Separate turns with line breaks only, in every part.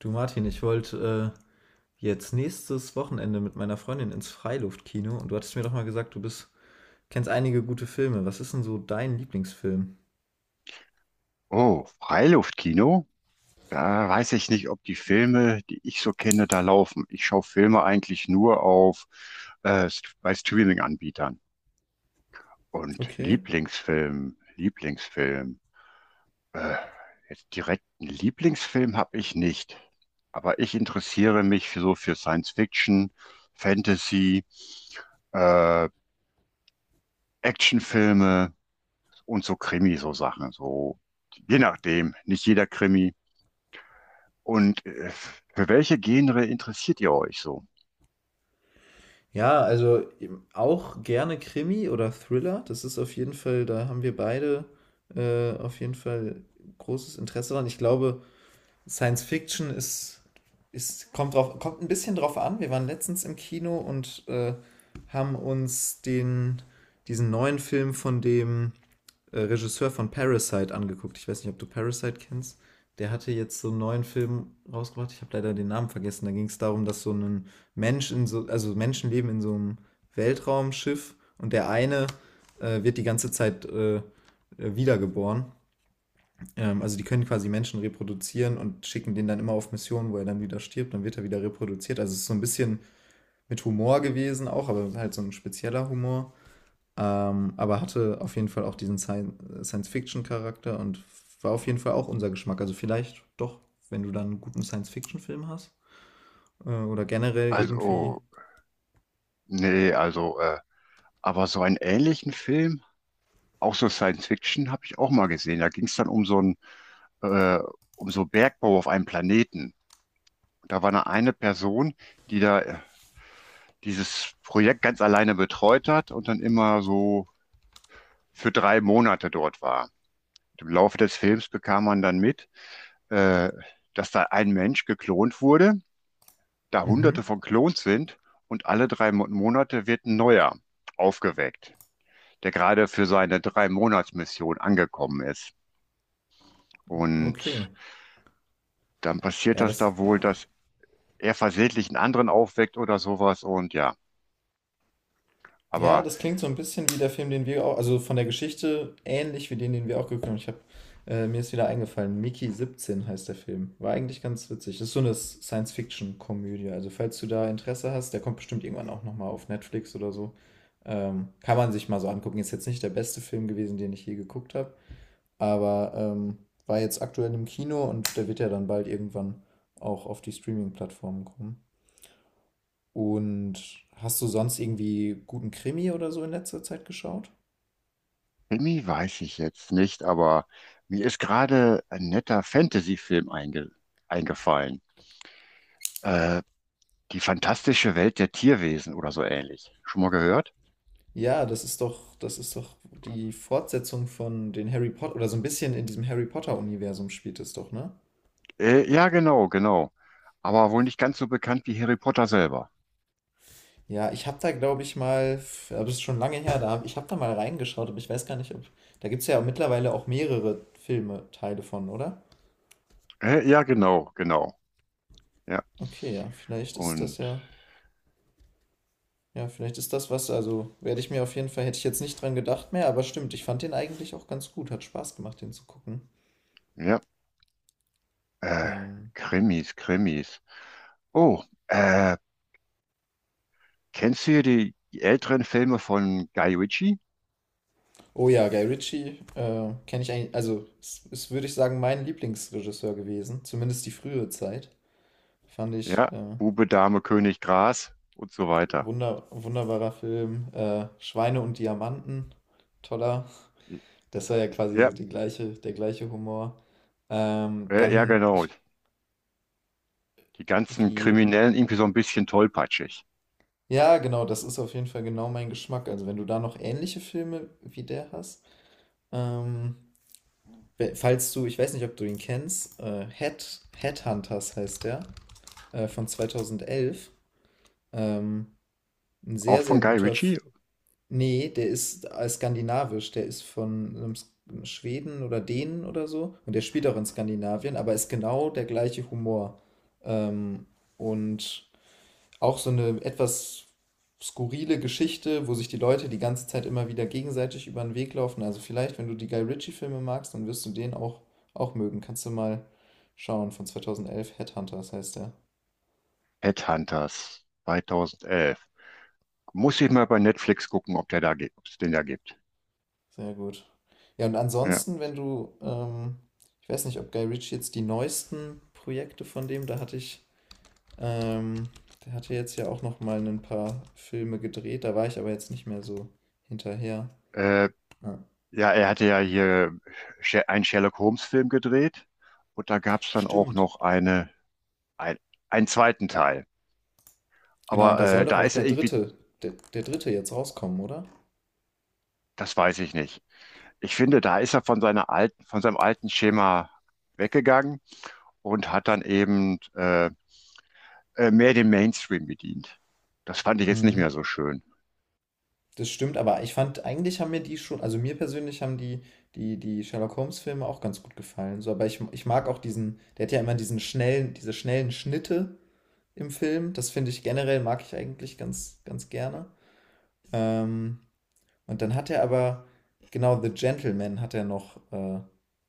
Du Martin, ich wollte jetzt nächstes Wochenende mit meiner Freundin ins Freiluftkino und du hattest mir doch mal gesagt, kennst einige gute Filme. Was ist denn so dein Lieblingsfilm?
Oh, Freiluftkino? Da weiß ich nicht, ob die Filme, die ich so kenne, da laufen. Ich schaue Filme eigentlich nur auf bei Streaming-Anbietern. Und
Okay.
Lieblingsfilm, Lieblingsfilm. Äh, Jetzt direkt einen Lieblingsfilm habe ich nicht. Aber ich interessiere mich für, so für Science Fiction, Fantasy, äh, Actionfilme und so Krimi, so Sachen. So, je nachdem. Nicht jeder Krimi. Und für welche Genre interessiert ihr euch so?
Ja, also auch gerne Krimi oder Thriller. Das ist auf jeden Fall, da haben wir beide auf jeden Fall großes Interesse dran. Ich glaube, Science Fiction ist kommt drauf, kommt ein bisschen drauf an. Wir waren letztens im Kino und haben uns diesen neuen Film von dem Regisseur von Parasite angeguckt. Ich weiß nicht, ob du Parasite kennst. Der hatte jetzt so einen neuen Film rausgebracht. Ich habe leider den Namen vergessen. Da ging es darum, dass so ein Mensch in so, also Menschen leben in so einem Weltraumschiff und der eine wird die ganze Zeit wiedergeboren. Also die können quasi Menschen reproduzieren und schicken den dann immer auf Missionen, wo er dann wieder stirbt, dann wird er wieder reproduziert. Also es ist so ein bisschen mit Humor gewesen auch, aber halt so ein spezieller Humor. Aber hatte auf jeden Fall auch diesen Science-Fiction-Charakter und war auf jeden Fall auch unser Geschmack. Also vielleicht doch, wenn du dann einen guten Science-Fiction-Film hast. Oder generell irgendwie.
Also, nee, also, aber so einen ähnlichen Film, auch so Science Fiction, habe ich auch mal gesehen. Da ging es dann um so einen, äh, um so Bergbau auf einem Planeten. Da war eine Person, die da dieses Projekt ganz alleine betreut hat und dann immer so für 3 Monate dort war. Im Laufe des Films bekam man dann mit, äh, dass da ein Mensch geklont wurde, da Hunderte
Mhm.
von Klons sind, und alle Monate wird ein neuer aufgeweckt, der gerade für seine Drei-Monats-Mission angekommen ist. Und
Okay.
dann passiert
Ja,
das
das,
da wohl, dass er versehentlich einen anderen aufweckt oder sowas. Und ja,
Ja,
aber
das klingt so ein bisschen wie der Film, den wir auch, also von der Geschichte ähnlich wie den, den wir auch geguckt haben. Ich habe, mir ist wieder eingefallen, Mickey 17 heißt der Film. War eigentlich ganz witzig. Das ist so eine Science-Fiction-Komödie. Also falls du da Interesse hast, der kommt bestimmt irgendwann auch nochmal auf Netflix oder so. Kann man sich mal so angucken. Ist jetzt nicht der beste Film gewesen, den ich je geguckt habe, aber war jetzt aktuell im Kino und der wird ja dann bald irgendwann auch auf die Streaming-Plattformen kommen. Und hast du sonst irgendwie guten Krimi oder so in letzter Zeit geschaut?
Krimi weiß ich jetzt nicht, aber mir ist gerade ein netter Fantasy-Film einge eingefallen. Äh, Die fantastische Welt der Tierwesen oder so ähnlich. Schon mal gehört?
Ja, das ist doch die Fortsetzung von den Harry Potter oder so ein bisschen in diesem Harry Potter Universum spielt es doch, ne?
Ja, genau, genau. Aber wohl nicht ganz so bekannt wie Harry Potter selber.
Ja, ich habe da glaube ich mal, aber das ist schon lange her, ich habe da mal reingeschaut, aber ich weiß gar nicht, ob da gibt es ja mittlerweile auch mehrere Filme Teile von, oder?
Ja, genau, genau. Ja.
Okay, ja, vielleicht ist das
Und
ja, ja, vielleicht ist das was, also werde ich mir auf jeden Fall, hätte ich jetzt nicht dran gedacht mehr, aber stimmt, ich fand den eigentlich auch ganz gut, hat Spaß gemacht, den zu gucken.
ja, äh,
Ähm,
Krimis, Krimis. Oh, äh, kennst du hier die älteren Filme von Guy Ritchie?
Oh ja, Guy Ritchie kenne ich eigentlich, also es ist, würde ich sagen, mein Lieblingsregisseur gewesen, zumindest die frühere Zeit. Fand ich
Ja, Bube, Dame, König, Gras und so weiter.
wunderbarer Film. Schweine und Diamanten, toller. Das war ja quasi so
Ja,
die gleiche, der gleiche Humor. Ähm,
ja,
dann,
genau.
ich,
Die ganzen
wie,
Kriminellen irgendwie so ein bisschen tollpatschig.
ja, genau, das ist auf jeden Fall genau mein Geschmack. Also wenn du da noch ähnliche Filme wie der hast, ähm, falls du, ich weiß nicht, ob du ihn kennst, Headhunters heißt der. Von 2011. Ähm, ein
Auch
sehr,
von
sehr
Guy
guter. F
Ritchie,
Nee, der ist skandinavisch. Der ist von einem Schweden oder Dänen oder so. Und der spielt auch in Skandinavien, aber ist genau der gleiche Humor. Ähm, und auch so eine etwas skurrile Geschichte, wo sich die Leute die ganze Zeit immer wieder gegenseitig über den Weg laufen. Also vielleicht, wenn du die Guy Ritchie-Filme magst, dann wirst du den auch mögen. Kannst du mal schauen, von 2011, Headhunters heißt der.
Headhunters 2011. Muss ich mal bei Netflix gucken, ob der da gibt, ob es den da gibt.
Sehr gut. Ja, und
Ja.
ansonsten, wenn du, ich weiß nicht, ob Guy Ritchie jetzt die neuesten Projekte von dem, da hatte ich, ähm, der hatte jetzt ja auch noch mal ein paar Filme gedreht, da war ich aber jetzt nicht mehr so hinterher.
Äh,
Ja.
ja, er hatte ja hier einen Sherlock-Holmes-Film gedreht und da gab es dann auch
Stimmt.
noch eine, ein, einen zweiten Teil.
Genau, und
Aber
da soll doch
da
auch
ist
der
er irgendwie,
dritte, der, der dritte jetzt rauskommen, oder?
das weiß ich nicht. Ich finde, da ist er von seiner alten, von seinem alten Schema weggegangen und hat dann eben mehr den Mainstream bedient. Das fand ich jetzt nicht
Mhm.
mehr so schön.
Das stimmt, aber ich fand, eigentlich haben mir die schon, also mir persönlich haben die Sherlock Holmes-Filme auch ganz gut gefallen. So, aber ich mag auch diesen, der hat ja immer diesen schnellen, diese schnellen Schnitte im Film. Das finde ich generell, mag ich eigentlich ganz, ganz gerne. Ähm, und dann hat er aber, genau, The Gentleman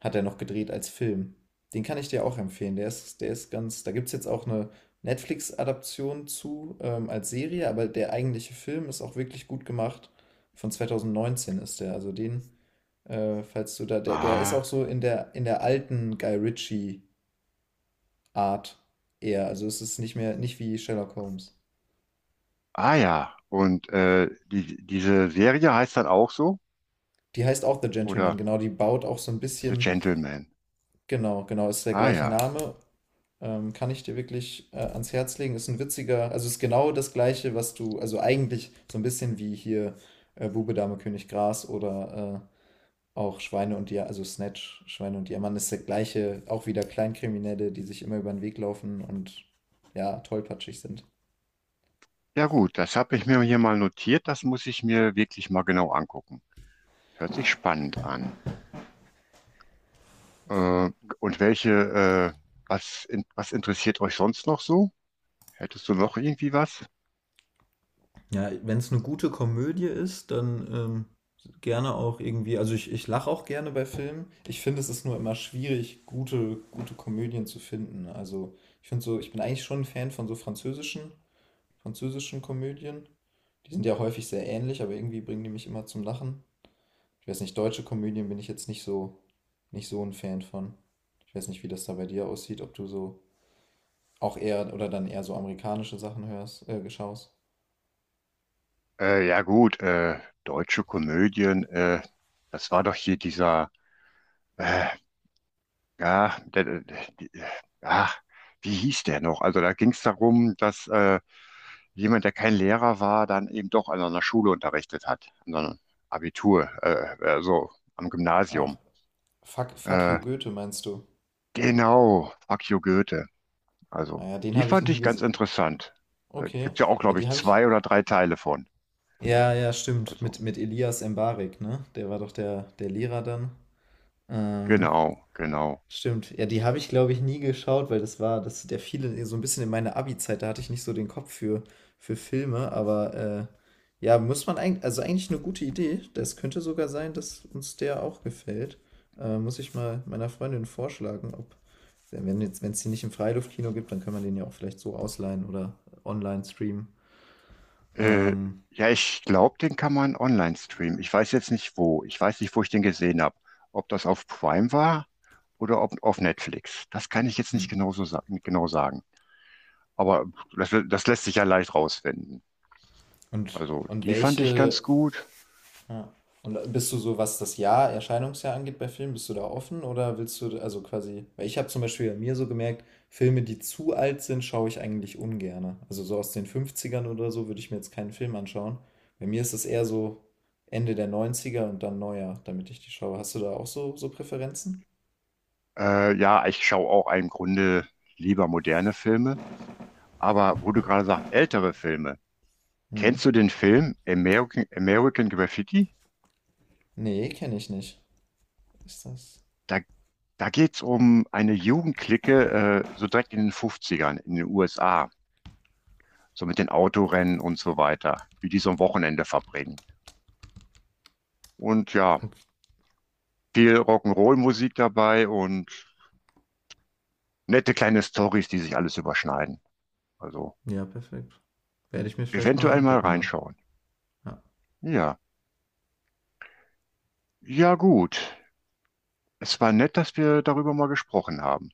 hat er noch gedreht als Film. Den kann ich dir auch empfehlen. Der ist ganz, da gibt es jetzt auch eine Netflix-Adaption zu als Serie, aber der eigentliche Film ist auch wirklich gut gemacht. Von 2019 ist der. Also den, falls du da, der ist auch
Ah,
so in der alten Guy Ritchie-Art eher. Also es ist nicht mehr, nicht wie Sherlock Holmes.
ah ja. Und die, diese Serie heißt dann auch so?
Die heißt auch The Gentleman,
Oder
genau. Die baut auch so ein
The
bisschen,
Gentleman?
genau, genau, ist der
Ah
gleiche
ja.
Name. Kann ich dir wirklich ans Herz legen. Ist ein witziger, also ist genau das Gleiche, was du, also eigentlich so ein bisschen wie hier Bube, Dame, König, Gras oder auch Schweine und Diamant, also Snatch, Schweine und Diamant ist der gleiche, auch wieder Kleinkriminelle, die sich immer über den Weg laufen und ja, tollpatschig sind.
Ja gut, das habe ich mir hier mal notiert. Das muss ich mir wirklich mal genau angucken. Hört sich spannend an. Äh, und welche, äh, was, in, was interessiert euch sonst noch so? Hättest du noch irgendwie was?
Ja, wenn es eine gute Komödie ist, dann gerne auch irgendwie. Also ich lache auch gerne bei Filmen. Ich finde, es ist nur immer schwierig, gute, gute Komödien zu finden. Also ich finde so, ich bin eigentlich schon ein Fan von so französischen, französischen Komödien. Die sind ja häufig sehr ähnlich, aber irgendwie bringen die mich immer zum Lachen. Ich weiß nicht, deutsche Komödien bin ich jetzt nicht so, nicht so ein Fan von. Ich weiß nicht, wie das da bei dir aussieht, ob du so auch eher oder dann eher so amerikanische Sachen hörst, schaust.
Ja gut, deutsche Komödien, das war doch hier dieser, äh, ja, der, ah, wie hieß der noch? Also da ging es darum, dass jemand, der kein Lehrer war, dann eben doch an einer Schule unterrichtet hat, an so einem Abitur, so am
Ah,
Gymnasium.
fuck you
Äh,
Goethe, meinst du?
genau, Akio Goethe. Also
Naja, den
die
habe ich
fand
nie
ich ganz
gesehen.
interessant. Da
Okay.
gibt ja auch,
Ja,
glaube
die
ich,
habe ich.
zwei oder drei Teile von.
Ja, ja, stimmt.
Also
Mit Elias Mbarek, ne? Der war doch der Lehrer dann. Ähm,
genau, genau.
stimmt. Ja, die habe ich, glaube ich, nie geschaut, weil das war, das, der fiel so ein bisschen in meine Abi-Zeit. Da hatte ich nicht so den Kopf für Filme, aber ja, muss man eigentlich, also eigentlich eine gute Idee. Das könnte sogar sein, dass uns der auch gefällt. Muss ich mal meiner Freundin vorschlagen, ob, wenn jetzt, wenn es die nicht im Freiluftkino gibt, dann kann man den ja auch vielleicht so ausleihen oder online streamen.
Äh,
Ähm,
ja, ich glaube, den kann man online streamen. Ich weiß jetzt nicht wo. Ich weiß nicht, wo ich den gesehen habe. Ob das auf Prime war? Oder ob auf Netflix. Das kann ich jetzt nicht genau so sa genau sagen. Aber das, das lässt sich ja leicht rausfinden.
und,
Also
und
die fand ich ganz
welche,
gut.
ja, und bist du so, was das Jahr, Erscheinungsjahr angeht bei Filmen, bist du da offen oder willst du, also quasi, weil ich habe zum Beispiel bei mir so gemerkt, Filme, die zu alt sind, schaue ich eigentlich ungerne. Also so aus den Fünfzigern oder so würde ich mir jetzt keinen Film anschauen. Bei mir ist es eher so Ende der Neunziger und dann neuer, damit ich die schaue. Hast du da auch so Präferenzen?
Ja, ich schaue auch im Grunde lieber moderne Filme. Aber wo du gerade sagst, ältere Filme.
Hm.
Kennst du den Film American Graffiti?
Nee, kenne ich nicht. Ist das?
Da, da geht es um eine Jugendclique, so direkt in den Fünfzigern in den USA. So mit den Autorennen und so weiter. Wie die so ein Wochenende verbringen. Und ja,
Okay.
viel Rock'n'Roll-Musik dabei und nette kleine Storys, die sich alles überschneiden. Also
Ja, perfekt. Werde ich mir vielleicht mal
eventuell mal
angucken dann.
reinschauen.
Ja.
Ja, ja gut. Es war nett, dass wir darüber mal gesprochen haben.